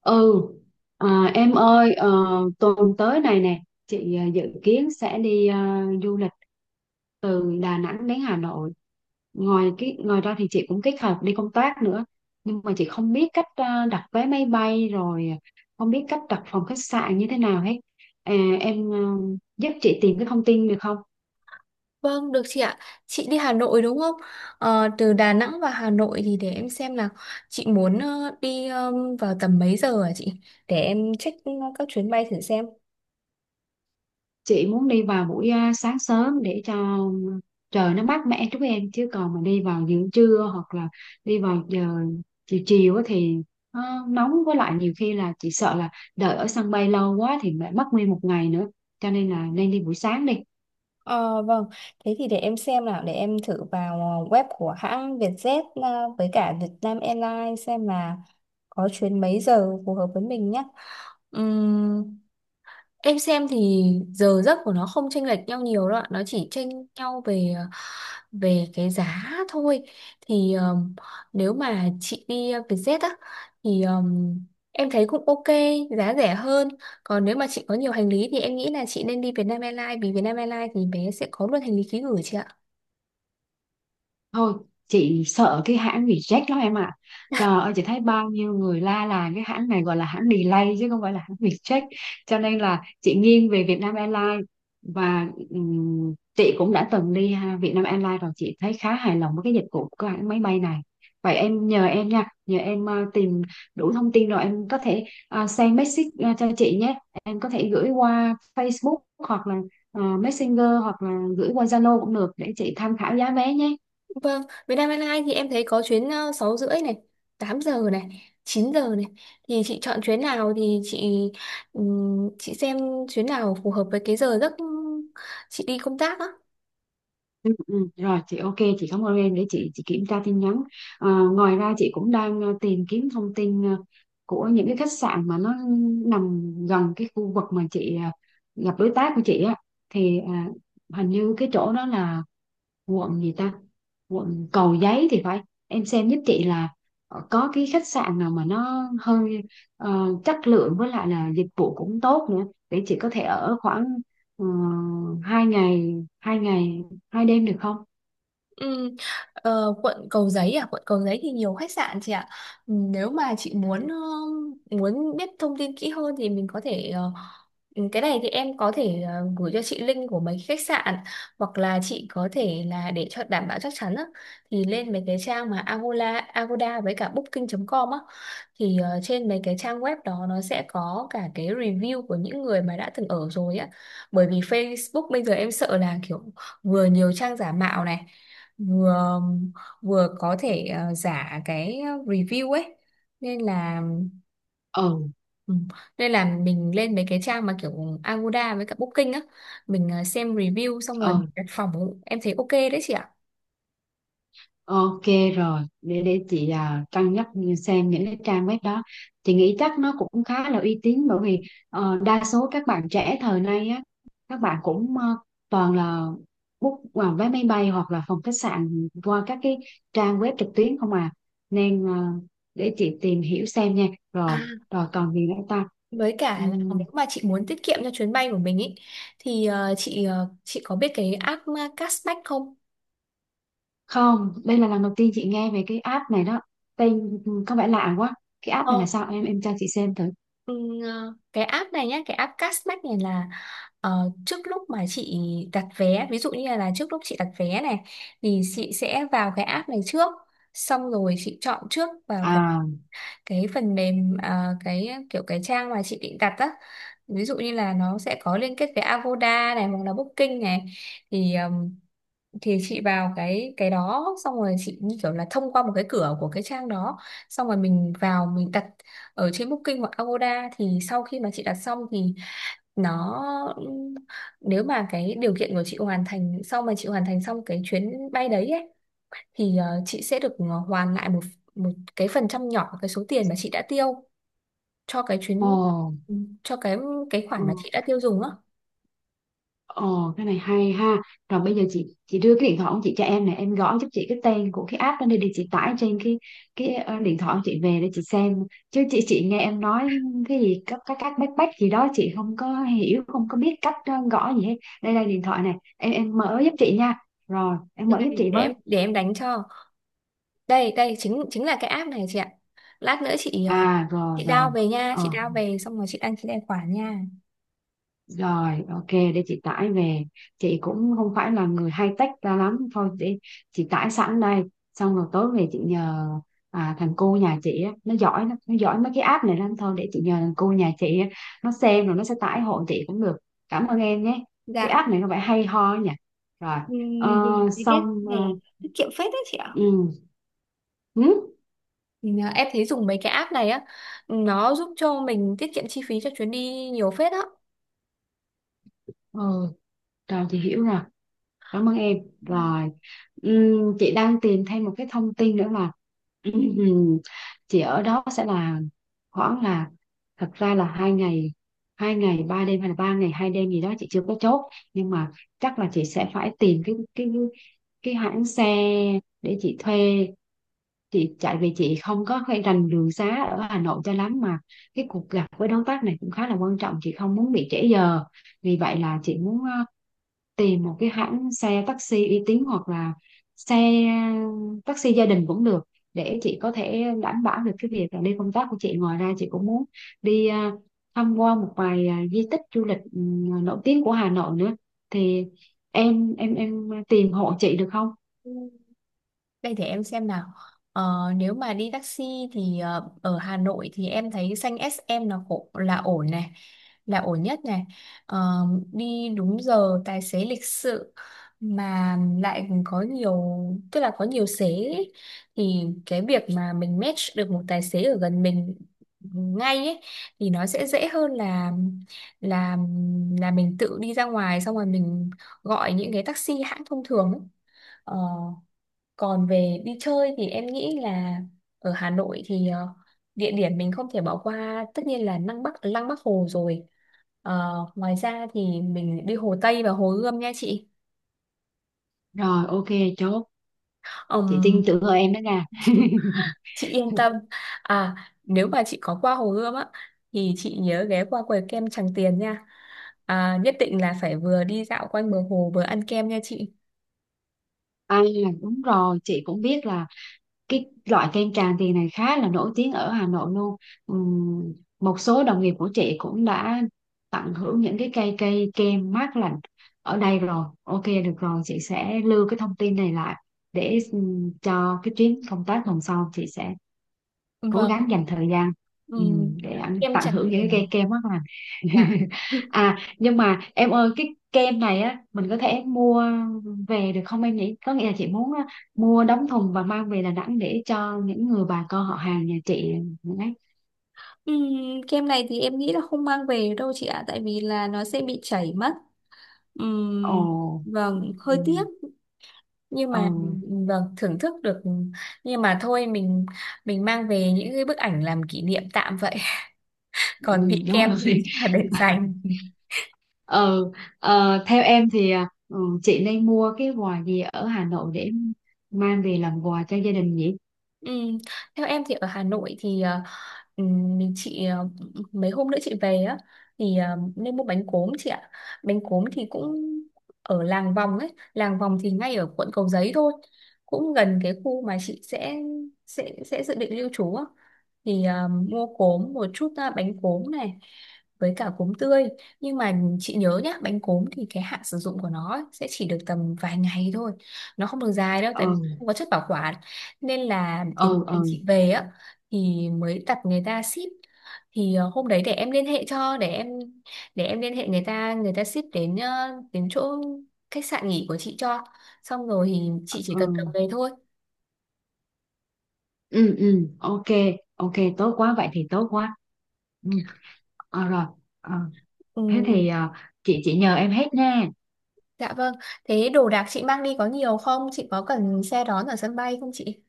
Ừ, à, em ơi, tuần tới này nè, chị dự kiến sẽ đi du lịch từ Đà Nẵng đến Hà Nội. Ngoài ra thì chị cũng kết hợp đi công tác nữa, nhưng mà chị không biết cách đặt vé máy bay rồi không biết cách đặt phòng khách sạn như thế nào hết. À, em giúp chị tìm cái thông tin được không? Vâng, được chị ạ. Chị đi Hà Nội đúng không? Từ Đà Nẵng vào Hà Nội thì để em xem là chị muốn đi, vào tầm mấy giờ hả chị? Để em check, các chuyến bay thử xem. Chị muốn đi vào buổi sáng sớm để cho trời nó mát mẻ chút em, chứ còn mà đi vào giữa trưa hoặc là đi vào giờ chiều chiều á thì nó nóng, với lại nhiều khi là chị sợ là đợi ở sân bay lâu quá thì lại mất nguyên một ngày nữa, cho nên là nên đi buổi sáng đi. Ờ, vâng, thế thì để em xem nào. Để em thử vào web của hãng Vietjet, với cả Vietnam Airlines xem là có chuyến mấy giờ phù hợp với mình nhé. Ừm, em xem thì giờ giấc của nó không chênh lệch nhau nhiều đâu ạ. Nó chỉ chênh nhau về về cái giá thôi. Thì nếu mà chị đi Vietjet á thì em thấy cũng ok, giá rẻ hơn. Còn nếu mà chị có nhiều hành lý thì em nghĩ là chị nên đi Vietnam Airlines, vì Vietnam Airlines thì bé sẽ có luôn hành lý ký gửi chị ạ. Thôi, chị sợ cái hãng reject lắm em ạ. Trời ơi, chị thấy bao nhiêu người la là cái hãng này gọi là hãng delay chứ không phải là hãng reject. Cho nên là chị nghiêng về Vietnam Airlines. Và chị cũng đã từng đi ha, Vietnam Airlines rồi, chị thấy khá hài lòng với cái dịch vụ của hãng máy bay này. Vậy em nhờ em tìm đủ thông tin rồi em có thể send message cho chị nhé. Em có thể gửi qua Facebook hoặc là Messenger hoặc là gửi qua Zalo cũng được để chị tham khảo giá vé nhé. Vâng, Vietnam Airlines thì em thấy có chuyến 6 rưỡi này, 8 giờ này, 9 giờ này, thì chị chọn chuyến nào thì chị xem chuyến nào phù hợp với cái giờ giấc chị đi công tác á. Ừ, ừ, rồi chị ok, chị cảm ơn em, để chị kiểm tra tin nhắn. Ngoài ra chị cũng đang tìm kiếm thông tin của những cái khách sạn mà nó nằm gần cái khu vực mà chị gặp đối tác của chị á, thì hình như cái chỗ đó là quận gì ta, quận Cầu Giấy thì phải. Em xem giúp chị là có cái khách sạn nào mà nó hơi chất lượng với lại là dịch vụ cũng tốt nữa để chị có thể ở khoảng uh, hai ngày hai ngày hai đêm được không? Ừ, quận Cầu Giấy à, quận Cầu Giấy thì nhiều khách sạn chị ạ. Ừ, nếu mà chị muốn muốn biết thông tin kỹ hơn thì mình có thể, cái này thì em có thể gửi cho chị link của mấy khách sạn, hoặc là chị có thể là để cho đảm bảo chắc chắn á, thì lên mấy cái trang mà Agoda Agoda với cả Booking.com á, thì trên mấy cái trang web đó nó sẽ có cả cái review của những người mà đã từng ở rồi á. Bởi vì Facebook bây giờ em sợ là kiểu vừa nhiều trang giả mạo này, vừa vừa có thể giả cái review ấy, nên là, Ừ, ừ, nên là mình lên mấy cái trang mà kiểu Agoda với cả Booking á, mình xem review xong rồi ừ, đặt phòng em thấy ok đấy chị ạ. ok rồi, để chị cân nhắc xem những cái trang web đó. Chị nghĩ chắc nó cũng khá là uy tín, bởi vì đa số các bạn trẻ thời nay á, các bạn cũng toàn là book vào vé máy bay hoặc là phòng khách sạn qua các cái trang web trực tuyến không à. Nên để chị tìm hiểu xem nha. À, Rồi, rồi còn gì nữa ta? với cả là Ừm, nếu mà chị muốn tiết kiệm cho chuyến bay của mình ý thì chị, chị có biết cái app cashback không? Không, đây là lần đầu tiên chị nghe về cái app này đó. Tên có vẻ lạ quá. Cái app này là sao, em cho chị xem thử. Ừ, cái app này nhé, cái app Cashback này là trước lúc mà chị đặt vé, ví dụ như là trước lúc chị đặt vé này thì chị sẽ vào cái app này trước, xong rồi chị chọn trước vào À. cái phần mềm, cái kiểu cái trang mà chị định đặt á, ví dụ như là nó sẽ có liên kết với Agoda này hoặc là Booking này, thì chị vào cái đó xong rồi chị như kiểu là thông qua một cái cửa của cái trang đó, xong rồi mình vào mình đặt ở trên Booking hoặc Agoda, thì sau khi mà chị đặt xong thì nó, nếu mà cái điều kiện của chị hoàn thành, sau mà chị hoàn thành xong cái chuyến bay đấy ấy, thì chị sẽ được hoàn lại một một cái phần trăm nhỏ cái số tiền mà chị đã tiêu cho cái chuyến, Ồ, cho cái ồ, khoản mà chị đã tiêu dùng á. ồ, cái này hay ha. Rồi bây giờ chị đưa cái điện thoại của chị cho em này, em gõ giúp chị cái tên của cái app đó đi để chị tải trên cái điện thoại của chị về để chị xem. Chứ chị nghe em nói cái gì các bách bách gì đó chị không có hiểu, không có biết cách gõ gì hết. Đây đây điện thoại này, em mở giúp chị nha. Rồi, em Đây. mở giúp chị để với. em để em đánh cho, đây đây chính chính là cái app này chị ạ. Lát nữa chị, À rồi chị rồi. down về nha, chị Ờ down về xong rồi chị đăng ký tài khoản nha. Rồi, ok, để chị tải về. Chị cũng không phải là người hay tách ra lắm. Thôi, để chị tải sẵn đây. Xong rồi tối về chị nhờ thằng cu nhà chị á, nó giỏi lắm, nó giỏi mấy cái app này lắm. Thôi, để chị nhờ thằng cu nhà chị á, nó xem rồi nó sẽ tải hộ chị cũng được. Cảm ơn em nhé. Cái Dạ. app này nó phải hay ho ấy nhỉ. Rồi, ờ, Ừm, vì vì cái xong, này tiết kiệm phết đấy chị ạ. ừ, ừ, Mình, em thấy dùng mấy cái app này á, nó giúp cho mình tiết kiệm chi phí cho chuyến đi nhiều phết á. ừ, rồi chị hiểu rồi. Cảm ơn em. Rồi, chị đang tìm thêm một cái thông tin nữa là ừm, chị ở đó sẽ là khoảng là thật ra là hai ngày ba đêm hay là ba ngày hai đêm gì đó chị chưa có chốt, nhưng mà chắc là chị sẽ phải tìm cái hãng xe để chị thuê chị chạy vì chị không có hay rành đường xá ở Hà Nội cho lắm, mà cái cuộc gặp với đối tác này cũng khá là quan trọng, chị không muốn bị trễ giờ. Vì vậy là chị muốn tìm một cái hãng xe taxi uy tín hoặc là xe taxi gia đình cũng được để chị có thể đảm bảo được cái việc là đi công tác của chị. Ngoài ra chị cũng muốn đi tham quan một vài di tích du lịch nổi tiếng của Hà Nội nữa thì em tìm hộ chị được không? Ừ. Đây để em xem nào. Ờ, nếu mà đi taxi thì ở Hà Nội thì em thấy xanh SM là khổ, là ổn này, là ổn nhất này. Ờ, đi đúng giờ, tài xế lịch sự, mà lại có nhiều, tức là có nhiều xế ấy. Thì cái việc mà mình match được một tài xế ở gần mình ngay ấy thì nó sẽ dễ hơn là là là mình tự đi ra ngoài xong rồi mình gọi những cái taxi hãng thông thường ấy. Ờ, còn về đi chơi thì em nghĩ là ở Hà Nội thì địa điểm mình không thể bỏ qua tất nhiên là Lăng Bắc Hồ rồi. Ờ, ngoài ra thì mình đi Hồ Tây và Hồ Gươm nha chị. Rồi, ok, chốt. Chị Ừm, tin tưởng ở em đó nha. chị yên tâm. À, nếu mà chị có qua Hồ Gươm á thì chị nhớ ghé qua quầy kem Tràng Tiền nha. À, nhất định là phải vừa đi dạo quanh bờ hồ vừa ăn kem nha chị. À, đúng rồi, chị cũng biết là cái loại kem Tràng Tiền này khá là nổi tiếng ở Hà Nội luôn. Ừm, Một số đồng nghiệp của chị cũng đã tận hưởng những cái cây cây kem mát lạnh ở đây rồi. Ok, được rồi, chị sẽ lưu cái thông tin này lại để cho cái chuyến công tác tuần sau chị sẽ cố Vâng. gắng dành thời gian ừ, Ừm, để anh kem tận Tràng hưởng những cái cây Tiền. kem mát lành. Dạ. À, nhưng mà em ơi, cái kem này á mình có thể mua về được không em nhỉ? Có nghĩa là chị muốn á, mua đóng thùng và mang về Đà Nẵng để cho những người bà con họ hàng nhà chị ấy. Kem này thì em nghĩ là không mang về được đâu chị ạ, tại vì là nó sẽ bị chảy mất. Ồ, Ừm, vâng, hơi ừ, tiếc, nhưng mà ừ, vâng, thưởng thức được, nhưng mà thôi mình mang về những cái bức ảnh làm kỷ niệm tạm vậy. ừ, Còn vị đúng kem rồi. thì chắc là để dành. Ừ, theo em thì chị nên mua cái quà gì ở Hà Nội để mang về làm quà cho gia đình nhỉ? Ừm, Theo em thì ở Hà Nội thì mình chị, mấy hôm nữa chị về á thì nên mua bánh cốm chị ạ. Bánh cốm thì cũng ở làng vòng ấy, làng vòng thì ngay ở quận Cầu Giấy thôi, cũng gần cái khu mà chị sẽ sẽ dự định lưu trú á, thì mua cốm một chút, bánh cốm này với cả cốm tươi. Nhưng mà chị nhớ nhá, bánh cốm thì cái hạn sử dụng của nó ấy, sẽ chỉ được tầm vài ngày thôi, nó không được dài đâu tại vì Ừ, không có chất bảo quản. Nên là đến ừ, ngày ừ, chị về á thì mới đặt người ta ship, thì hôm đấy để em liên hệ cho, để em liên hệ người ta, người ta ship đến, đến chỗ khách sạn nghỉ của chị cho, xong rồi thì chị chỉ cần cầm ừ, về thôi. ừ, ừ, ok, ok, tốt quá, vậy thì tốt quá. Ừ. Rồi. Ờ, thế Ừ, thì chị nhờ em hết nha. dạ vâng. Thế đồ đạc chị mang đi có nhiều không chị, có cần xe đón ở sân bay không chị?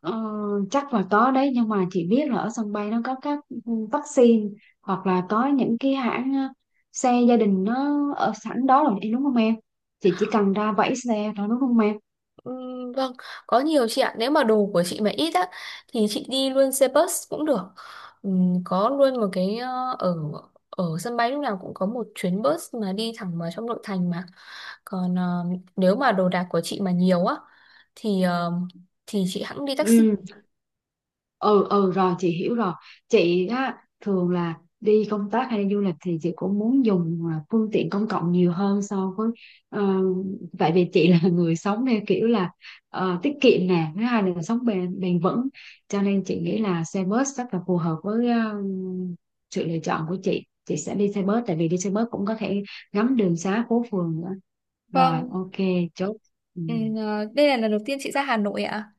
Ờ, Chắc là có đấy, nhưng mà chị biết là ở sân bay nó có các vaccine hoặc là có những cái hãng xe gia đình nó ở sẵn đó rồi đúng không em? Chị chỉ cần ra vẫy xe thôi đúng không em? ừ, vâng, có nhiều chị ạ. Nếu mà đồ của chị mà ít á thì chị đi luôn xe bus cũng được. Ừ, có luôn một cái, ở ở sân bay lúc nào cũng có một chuyến bus mà đi thẳng vào trong nội thành mà. Còn nếu mà đồ đạc của chị mà nhiều á thì thì chị hẵng đi taxi. Ừ, ừ, ừ, rồi chị hiểu rồi. Chị á thường là đi công tác hay đi du lịch thì chị cũng muốn dùng phương tiện công cộng nhiều hơn so với ờ, tại vì chị là người sống theo kiểu là tiết kiệm nè, thứ hai là sống bền bền vững, cho nên chị nghĩ là xe bus rất là phù hợp với sự lựa chọn của chị. Chị sẽ đi xe bus, tại vì đi xe bus cũng có thể ngắm đường xá phố phường nữa. Rồi, Vâng, ok, chốt. Ừ. ừ, ờ, đây là lần đầu tiên chị ra Hà Nội ạ.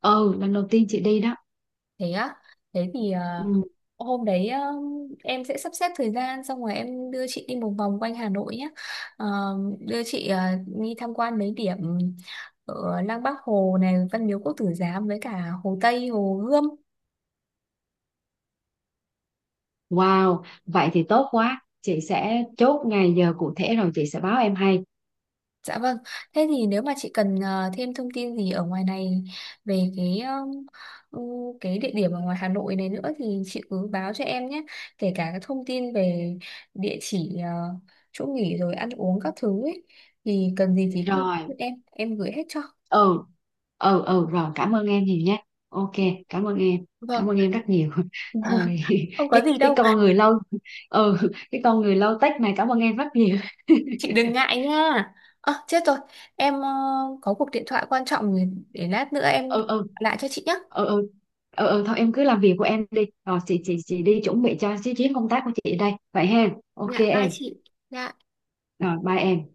Ừ, lần đầu tiên chị đi đó. Thế á, thế thì Ừ. hôm đấy em sẽ sắp xếp thời gian xong rồi em đưa chị đi một vòng quanh Hà Nội nhé. Ờ, đưa chị đi tham quan mấy điểm ở Lăng Bác Hồ này, Văn Miếu Quốc Tử Giám với cả Hồ Tây, Hồ Gươm. Wow, vậy thì tốt quá. Chị sẽ chốt ngày giờ cụ thể rồi chị sẽ báo em hay. Dạ vâng, thế thì nếu mà chị cần thêm thông tin gì ở ngoài này về cái ừ, cái địa điểm ở ngoài Hà Nội này nữa thì chị cứ báo cho em nhé, kể cả các thông tin về địa chỉ, chỗ nghỉ rồi ăn uống các thứ ấy, thì cần gì thì cứ cứ Rồi, em gửi hết cho. ừ, ừ, ừ, rồi cảm ơn em nhiều nhé. Ok, cảm ơn em, cảm Vâng, ơn em rất nhiều. Ôi, không có cái, gì cái đâu, con người lâu, ừ, cái con người lâu tách này cảm ơn em rất nhiều. chị đừng ngại nha. Ờ chết rồi, em có cuộc điện thoại quan trọng, để lát nữa em gọi Ừ, ừ, lại cho chị nhé. ừ, ừ, ừ, ừ, thôi em cứ làm việc của em đi. Rồi chị, chị đi chuẩn bị cho cái chuyến công tác của chị đây. Vậy ha, ok Dạ bye em, chị. Dạ. rồi bye em.